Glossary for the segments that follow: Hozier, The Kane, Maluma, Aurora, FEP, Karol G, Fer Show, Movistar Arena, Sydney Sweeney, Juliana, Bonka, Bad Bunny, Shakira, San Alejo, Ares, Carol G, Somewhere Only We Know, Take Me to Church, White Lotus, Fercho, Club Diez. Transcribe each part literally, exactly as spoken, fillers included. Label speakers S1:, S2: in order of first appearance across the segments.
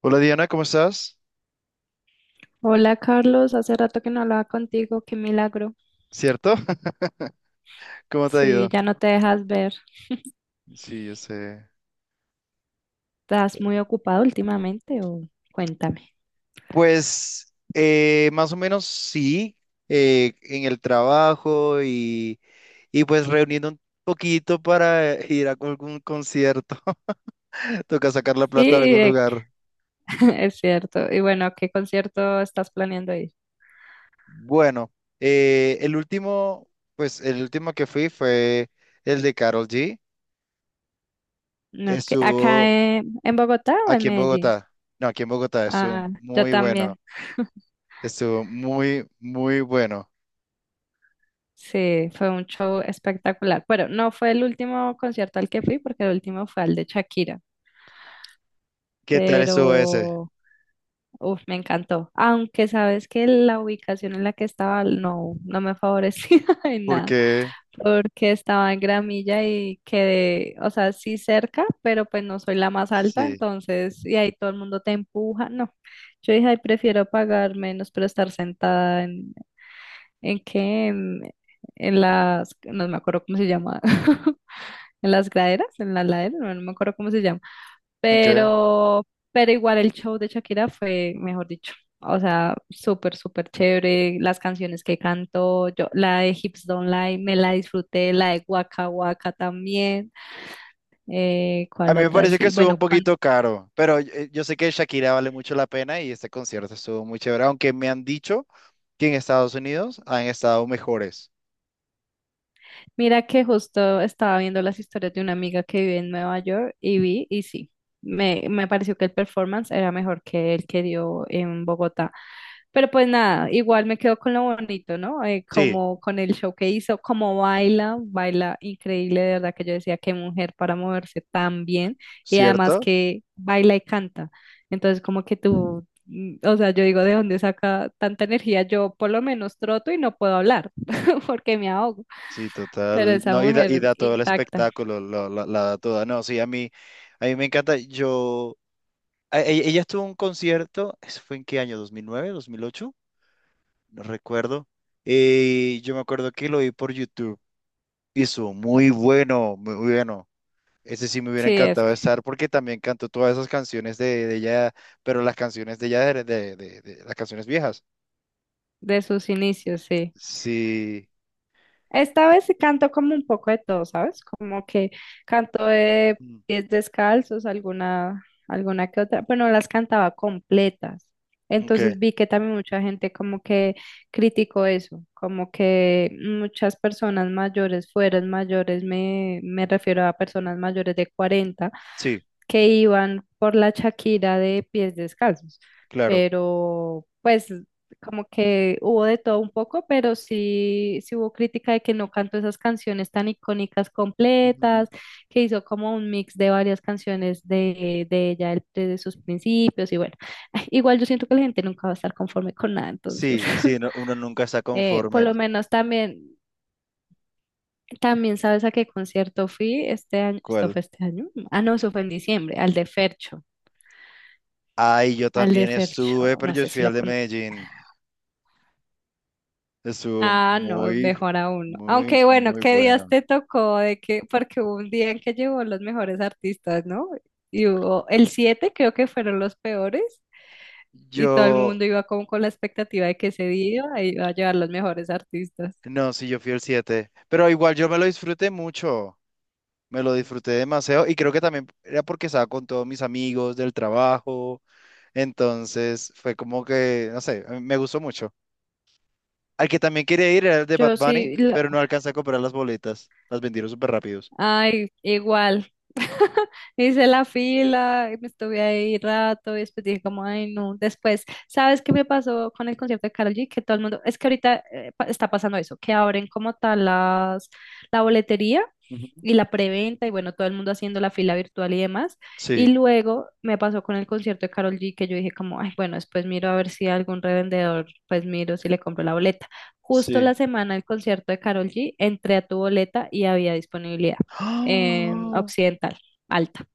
S1: Hola Diana, ¿cómo estás?
S2: Hola Carlos, hace rato que no hablaba contigo, qué milagro.
S1: ¿Cierto? ¿Cómo te ha
S2: Sí,
S1: ido?
S2: ya no te dejas ver.
S1: Sí, yo sé.
S2: ¿Estás muy ocupado últimamente o cuéntame?
S1: Pues eh, más o menos sí, eh, en el trabajo y, y pues reuniendo un poquito para eh, ir a algún concierto. Toca sacar la
S2: Sí,
S1: plata de algún
S2: eh,
S1: lugar.
S2: es cierto. Y bueno, ¿a ¿qué concierto estás planeando ir?
S1: Bueno, eh, el último, pues el último que fui fue el de Carol G.
S2: No, que- ¿acá
S1: Estuvo
S2: en, en Bogotá o en
S1: aquí en
S2: Medellín?
S1: Bogotá. No, aquí en Bogotá, estuvo
S2: Ah, yo
S1: muy bueno.
S2: también.
S1: Estuvo muy, muy bueno.
S2: Sí, fue un show espectacular. Bueno, no fue el último concierto al que fui porque el último fue al de Shakira,
S1: ¿Qué tal estuvo ese?
S2: pero uf, me encantó. Aunque sabes que la ubicación en la que estaba no, no me favorecía en nada,
S1: Porque
S2: porque estaba en gramilla y quedé, o sea, sí cerca, pero pues no soy la más alta,
S1: sí,
S2: entonces, y ahí todo el mundo te empuja. No, yo dije, ay, prefiero pagar menos, pero estar sentada en, ¿en qué? En, en las, no me acuerdo cómo se llama, en las graderas, en la ladera, no, no me acuerdo cómo se llama.
S1: okay.
S2: Pero, pero igual el show de Shakira fue, mejor dicho, o sea, súper, súper chévere. Las canciones que cantó, yo, la de Hips Don't Lie, me la disfruté, la de Waka Waka también. Eh,
S1: A
S2: ¿cuál
S1: mí me
S2: otra?
S1: parece que
S2: Sí,
S1: estuvo un
S2: bueno,
S1: poquito caro, pero yo, eh, yo sé que Shakira vale mucho la pena y este concierto estuvo muy chévere, aunque me han dicho que en Estados Unidos han estado mejores.
S2: mira que justo estaba viendo las historias de una amiga que vive en Nueva York y vi, y sí, me, me pareció que el performance era mejor que el que dio en Bogotá. Pero pues nada, igual me quedo con lo bonito, ¿no? Eh,
S1: Sí,
S2: como con el show que hizo, como baila, baila increíble, de verdad que yo decía qué mujer para moverse tan bien y además
S1: ¿cierto?
S2: que baila y canta. Entonces como que tú, mm, o sea, yo digo, ¿de dónde saca tanta energía? Yo por lo menos troto y no puedo hablar porque me ahogo.
S1: Sí,
S2: Pero
S1: total.
S2: esa
S1: No, y da, y
S2: mujer
S1: da todo el
S2: intacta.
S1: espectáculo, lo- la, la da toda. No, sí, a mí, a mí me encanta. Yo, a- e- ella, estuvo en un concierto, ¿eso fue en qué año? Dos dos mil nueve, ¿dos mil ocho? No recuerdo. Y yo me acuerdo que lo vi por YouTube. Eso, muy bueno, muy bueno. Ese sí me hubiera
S2: Sí, es
S1: encantado
S2: que
S1: estar porque también cantó todas esas canciones de, de ella, pero las canciones de ella, de, de- de- de las canciones viejas.
S2: de sus inicios, sí.
S1: Sí.
S2: Esta vez sí canto como un poco de todo, ¿sabes? Como que canto de
S1: Mm.
S2: pies descalzos, alguna, alguna que otra, pero no las cantaba completas.
S1: Ok,
S2: Entonces vi que también mucha gente como que criticó eso, como que muchas personas mayores, fueras mayores, me, me refiero a personas mayores de cuarenta
S1: sí,
S2: que iban por la Shakira de pies descalzos,
S1: claro.
S2: pero pues como que hubo de todo un poco, pero sí, sí hubo crítica de que no cantó esas canciones tan icónicas
S1: Ujú.
S2: completas, que hizo como un mix de varias canciones de, de ella el- desde sus principios y bueno, ay, igual yo siento que la gente nunca va a estar conforme con nada, entonces
S1: Sí, sí, no- uno nunca está
S2: eh, Por
S1: conforme.
S2: lo menos también... También sabes a qué concierto fui este año, esto
S1: ¿Cuál?
S2: fue este año, ah no, eso fue en diciembre, al de Fercho.
S1: Ay, yo
S2: Al de
S1: también
S2: Fer
S1: estuve,
S2: Show,
S1: pero
S2: no
S1: yo
S2: sé
S1: fui
S2: si
S1: al
S2: lo
S1: de
S2: conozco.
S1: Medellín. Estuvo
S2: Ah, no,
S1: muy,
S2: mejor aún. No.
S1: muy,
S2: Aunque bueno,
S1: muy
S2: ¿qué días
S1: bueno.
S2: te tocó? De que, porque hubo un día en que llevó los mejores artistas, ¿no? Y hubo el siete, creo que fueron los peores, y todo el
S1: Yo,
S2: mundo iba como con la expectativa de que ese día iba a llevar los mejores artistas.
S1: no, sí, yo fui el siete, pero igual yo me lo disfruté mucho. Me lo disfruté demasiado y creo que también era porque estaba con todos mis amigos del trabajo, entonces fue como que, no sé, a mí me gustó mucho. Al que también quería ir era el de Bad
S2: Yo
S1: Bunny,
S2: sí,
S1: pero no alcancé a comprar las boletas, las vendieron súper rápidos.
S2: ay, igual. Hice la fila, y me estuve ahí rato y después dije como, ay, no. Después, ¿sabes qué me pasó con el concierto de Karol G? Que todo el mundo, es que ahorita eh, pa- está pasando eso, que abren como tal las, la boletería
S1: Ujú.
S2: y la preventa y bueno, todo el mundo haciendo la fila virtual y demás. Y
S1: Sí,
S2: luego me pasó con el concierto de Karol G que yo dije como, ay, bueno, después miro a ver si algún revendedor, pues miro si le compro la boleta. Justo
S1: sí.
S2: la semana del concierto de Karol G, entré a tu boleta y había disponibilidad en
S1: ¡Ah!
S2: Occidental, alta.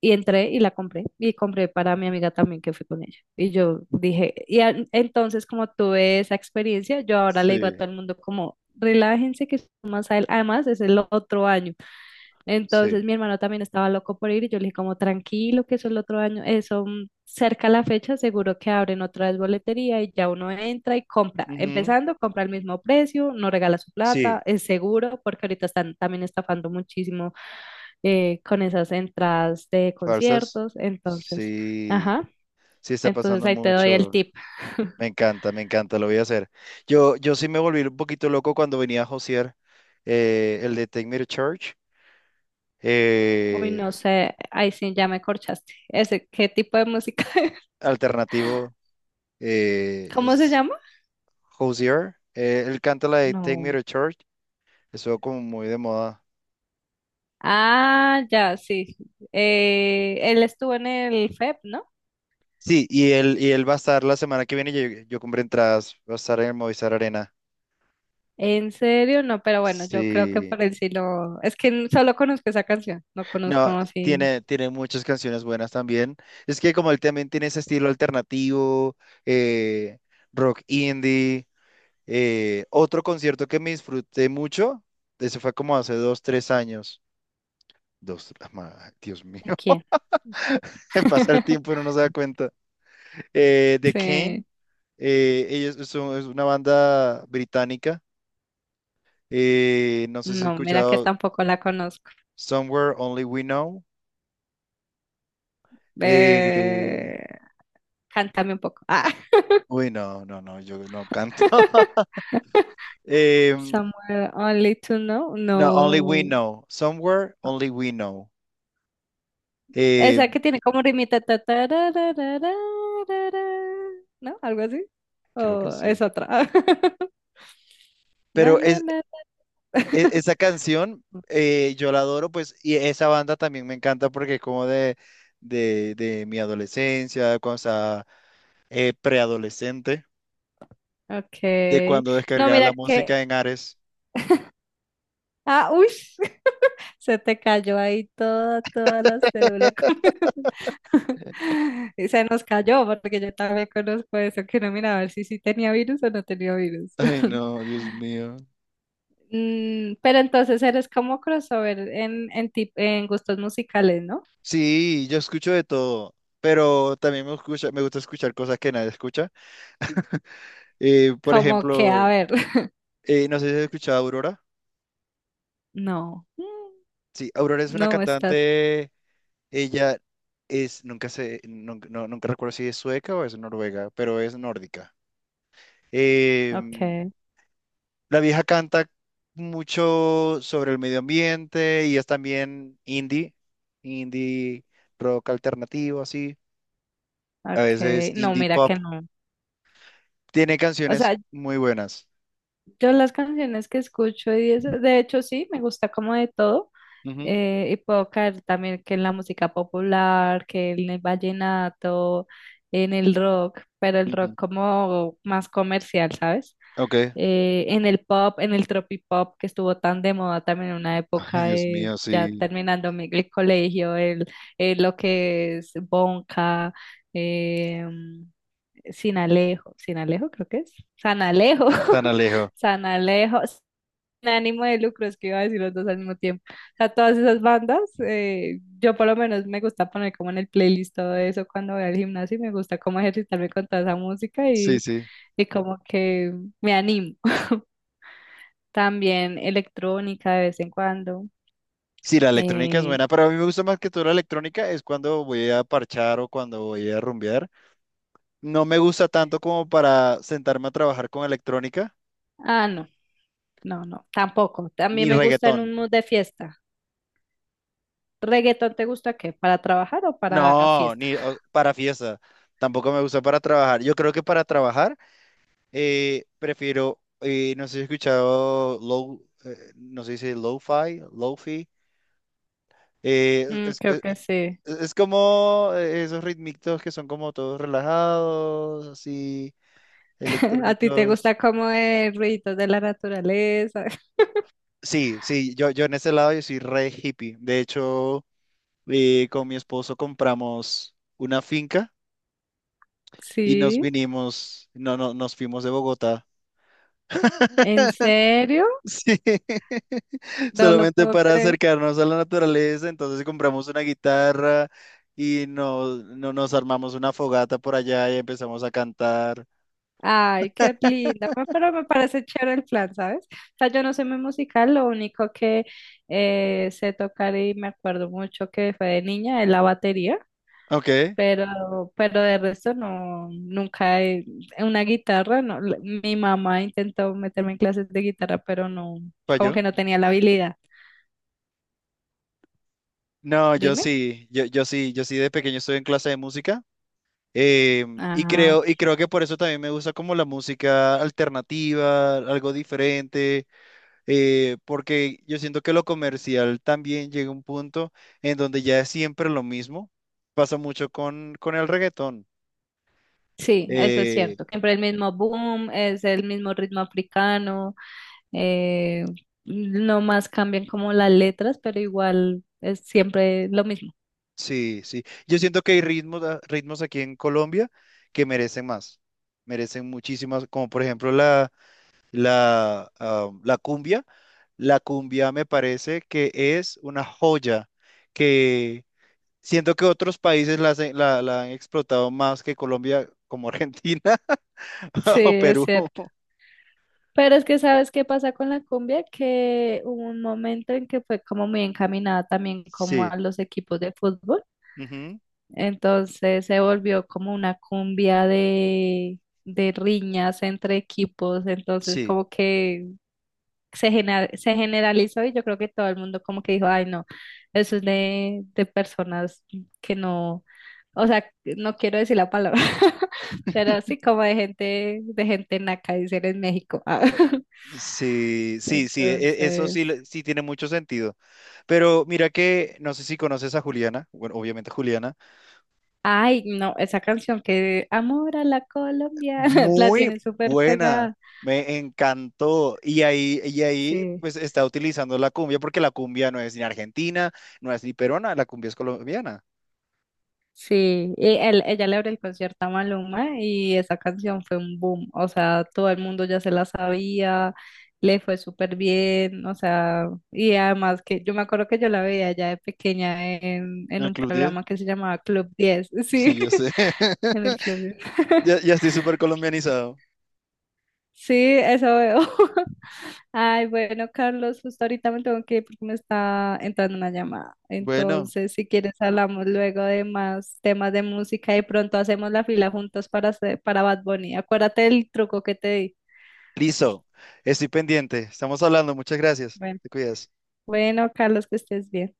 S2: Y entré y la compré. Y compré para mi amiga también que fui con ella. Y yo dije, y a- entonces como tuve esa experiencia, yo ahora le digo a
S1: Sí,
S2: todo el mundo como, relájense que es más adel- además, es el otro año.
S1: sí.
S2: Entonces mi hermano también estaba loco por ir y yo le dije como tranquilo que eso el otro año, eso mm, cerca a la fecha seguro que abren otra vez boletería y ya uno entra y compra,
S1: Ujú.
S2: empezando, compra al mismo precio, no regala su
S1: Sí,
S2: plata, es seguro porque ahorita están también estafando muchísimo eh, con esas entradas de
S1: falsas.
S2: conciertos, entonces,
S1: Sí,
S2: ajá,
S1: sí está
S2: entonces
S1: pasando
S2: ahí te doy el
S1: mucho.
S2: tip.
S1: Me encanta, me encanta, lo voy a hacer. Yo, yo sí me volví un poquito loco cuando venía a Josier, eh, el de Take Me to Church,
S2: Uy,
S1: eh,
S2: no sé, ahí sí ya me corchaste. Ese, ¿qué tipo de música?
S1: alternativo, eh,
S2: ¿Cómo se
S1: es
S2: llama?
S1: Hozier. Eh, él canta la de Take Me
S2: No.
S1: to Church, eso como muy de moda.
S2: Ah, ya, sí. Eh, él estuvo en el FEP, ¿no?
S1: Sí, y él, y él va a estar la semana que viene, yo, yo compré entradas, va a estar en el Movistar Arena.
S2: En serio, no, pero bueno, yo creo que
S1: Sí,
S2: por el sí lo... Es que n- solo conozco esa canción, no conozco
S1: no,
S2: así
S1: tiene, tiene muchas canciones buenas también. Es que como él también tiene ese estilo alternativo, eh, rock indie. Eh, otro concierto que me disfruté mucho, eso fue como hace dos, tres años. Dos, ah, ma- Dios mío,
S2: de quién.
S1: pasa el tiempo y uno no se da cuenta. Eh, The Kane,
S2: Sí,
S1: eh, ellos son, es una banda británica. Eh, no sé si has
S2: no, mira que
S1: escuchado
S2: tampoco la conozco.
S1: Somewhere Only We Know. eh,
S2: Eh, Cántame un poco. Ah,
S1: Uy, no, no, no, yo no canto. Em,
S2: Somewhere Only to Know,
S1: no, Only We
S2: no.
S1: Know. Somewhere Only We Know. eh,
S2: Esa que tiene como rimita, ta, ta, ra, ra, ra, ra, ra, ra, ¿no? Algo así.
S1: Creo que
S2: O
S1: sí.
S2: es otra. Na,
S1: Pero
S2: na,
S1: es,
S2: na, na.
S1: e- esa canción, eh, yo la adoro, pues, y esa banda también me encanta porque es como de, de, de mi adolescencia, cuando estaba eh, preadolescente, de
S2: Okay.
S1: cuando
S2: No,
S1: descargaba la
S2: mira que.
S1: música en Ares.
S2: Ah, uy. Se te cayó ahí toda, toda la cédula. Y se nos cayó, porque yo también conozco eso, que no mira a ver si sí tenía virus o no tenía virus.
S1: Ay, no, Dios mío.
S2: Mm, pero entonces eres como crossover en, en, tip- en gustos musicales, ¿no?
S1: Sí, yo escucho de todo, pero también me escucha, me gusta escuchar cosas que nadie escucha. Eh, por
S2: Como que, a
S1: ejemplo,
S2: ver,
S1: eh, no sé si has escuchado a Aurora.
S2: no, Mm,
S1: Sí, Aurora es una
S2: no estás.
S1: cantante, ella es, nunca sé, nunca, no- nunca recuerdo si es sueca o es noruega, pero es nórdica. Eh,
S2: Okay,
S1: la vieja canta mucho sobre el medio ambiente y es también indie, indie rock alternativo, así, a veces
S2: okay. No,
S1: indie
S2: mira que
S1: pop.
S2: no.
S1: Tiene
S2: O
S1: canciones
S2: sea,
S1: muy buenas.
S2: yo las canciones que escucho y eso, de hecho sí, me gusta como de todo.
S1: Ujú,
S2: Eh, y puedo caer también que en la música popular, que en el vallenato, en el rock, pero el rock
S1: ujú.
S2: como más comercial, ¿sabes?
S1: Ok.
S2: Eh, en el pop, en el tropipop que estuvo tan de moda también en una
S1: Ay,
S2: época
S1: Dios
S2: de
S1: mío,
S2: ya
S1: sí.
S2: terminando mi- el colegio, el, el, lo que es Bonka, eh, Sin Alejo, Sin Alejo creo que es, San Alejo,
S1: San Alejo.
S2: San Alejo, Sin Ánimo de Lucro, es que iba a decir los dos al mismo tiempo. O sea, todas esas bandas, eh, yo por lo menos me gusta poner como en el playlist todo eso cuando voy al gimnasio y me gusta como ejercitarme con toda esa música
S1: Sí,
S2: y,
S1: sí.
S2: y como que me animo. También electrónica de vez en cuando.
S1: Sí, la electrónica es
S2: Eh,
S1: buena, pero a mí me gusta más que todo la electrónica es cuando voy a parchar o cuando voy a rumbear. No me gusta tanto como para sentarme a trabajar con electrónica,
S2: ah, no, no, no, tampoco. También
S1: ni
S2: me gusta en
S1: reggaetón.
S2: un mood de fiesta. ¿Reggaetón te gusta qué? ¿Para trabajar o para
S1: No,
S2: fiesta?
S1: ni o- para fiesta. Tampoco me gusta para trabajar. Yo creo que para trabajar eh, prefiero, eh, no sé si he escuchado low, eh, no sé si dice lo-fi, lo-fi. eh,
S2: Mm,
S1: es,
S2: creo
S1: es-
S2: que sí.
S1: es es como eh, esos ritmitos que son como todos relajados, así,
S2: ¿A ti te
S1: electrónicos.
S2: gusta como de ruidos de la naturaleza?
S1: Sí, sí, yo, yo en ese lado yo soy re hippie. De hecho, eh, con mi esposo compramos una finca y nos
S2: Sí.
S1: vinimos, no, no, nos fuimos de Bogotá.
S2: ¿En serio?
S1: Sí,
S2: No lo
S1: solamente
S2: puedo
S1: para
S2: creer.
S1: acercarnos a la naturaleza, entonces compramos una guitarra y nos, no- nos armamos una fogata por allá y empezamos a cantar.
S2: Ay, qué linda, me- pero me parece chévere el plan, ¿sabes? O sea, yo no sé muy musical, lo único que eh, sé tocar y me acuerdo mucho que fue de niña es la batería.
S1: Ok,
S2: Pero, pero de resto no, nunca he, una guitarra, no. la- Mi mamá intentó meterme en clases de guitarra, pero no, como
S1: falló.
S2: que no tenía la habilidad.
S1: No, yo
S2: Dime.
S1: sí, yo, yo sí, yo sí de pequeño estuve en clase de música, em, y
S2: Ah,
S1: creo, y creo que por eso también me gusta como la música alternativa, algo diferente. Eh, porque yo siento que lo comercial también llega a un punto en donde ya es siempre lo mismo. Pasa mucho con, con el reggaetón.
S2: sí, eso es
S1: Eh,
S2: cierto. Siempre el mismo boom, es el mismo ritmo africano, eh, no más cambian como las letras, pero igual es siempre lo mismo.
S1: sí, sí. Yo siento que hay ritmos, a- ritmos aquí en Colombia que merecen más. Merecen muchísimas, como por ejemplo la, la, ah, la cumbia. La cumbia me parece que es una joya que siento que otros países la, hacen- la la han explotado más que Colombia, como Argentina
S2: Sí,
S1: o
S2: es
S1: Perú.
S2: cierto. Pero es que sabes qué pasa con la cumbia, que hubo un momento en que fue como muy encaminada también como
S1: Sí,
S2: a los equipos de fútbol.
S1: ujú,
S2: Entonces se volvió como una cumbia de, de riñas entre equipos, entonces
S1: sí,
S2: como que se, gena- se generalizó y yo creo que todo el mundo como que dijo, ay no, eso es de, de personas que no, o sea, no quiero decir la palabra, pero así como de gente, de gente naca, dicen en México. Ah,
S1: sí, sí, sí, e- eso sí,
S2: Entonces,
S1: le- sí tiene mucho sentido. Pero mira que, no sé si conoces a Juliana, bueno, obviamente Juliana,
S2: ay no, esa canción que Amor a la Colombia, la
S1: muy
S2: tienen súper
S1: buena,
S2: pegada.
S1: me encantó. Y ahí, y ahí,
S2: Sí.
S1: pues está utilizando la cumbia, porque la cumbia no es ni argentina, no es ni peruana, la cumbia es colombiana.
S2: Sí, y él, ella le abre el concierto a Maluma y esa canción fue un boom, o sea, todo el mundo ya se la sabía, le fue súper bien, o sea, y además que yo me acuerdo que yo la veía ya de pequeña en, en
S1: ¿El
S2: un
S1: Club Diez?
S2: programa que se llamaba Club Diez, sí,
S1: Sí, yo sé.
S2: en el Club Diez.
S1: Ya, ya estoy súper colombianizado.
S2: Sí, eso veo. Ay, bueno, Carlos, justo ahorita me tengo que ir porque me está entrando una llamada.
S1: Bueno,
S2: Entonces, si quieres, hablamos luego de más temas de música y pronto hacemos la fila juntos para, hacer- para Bad Bunny. Acuérdate del truco que te di.
S1: listo, estoy pendiente, estamos hablando, muchas gracias,
S2: Bueno.
S1: te cuidas.
S2: Bueno, Carlos, que estés bien.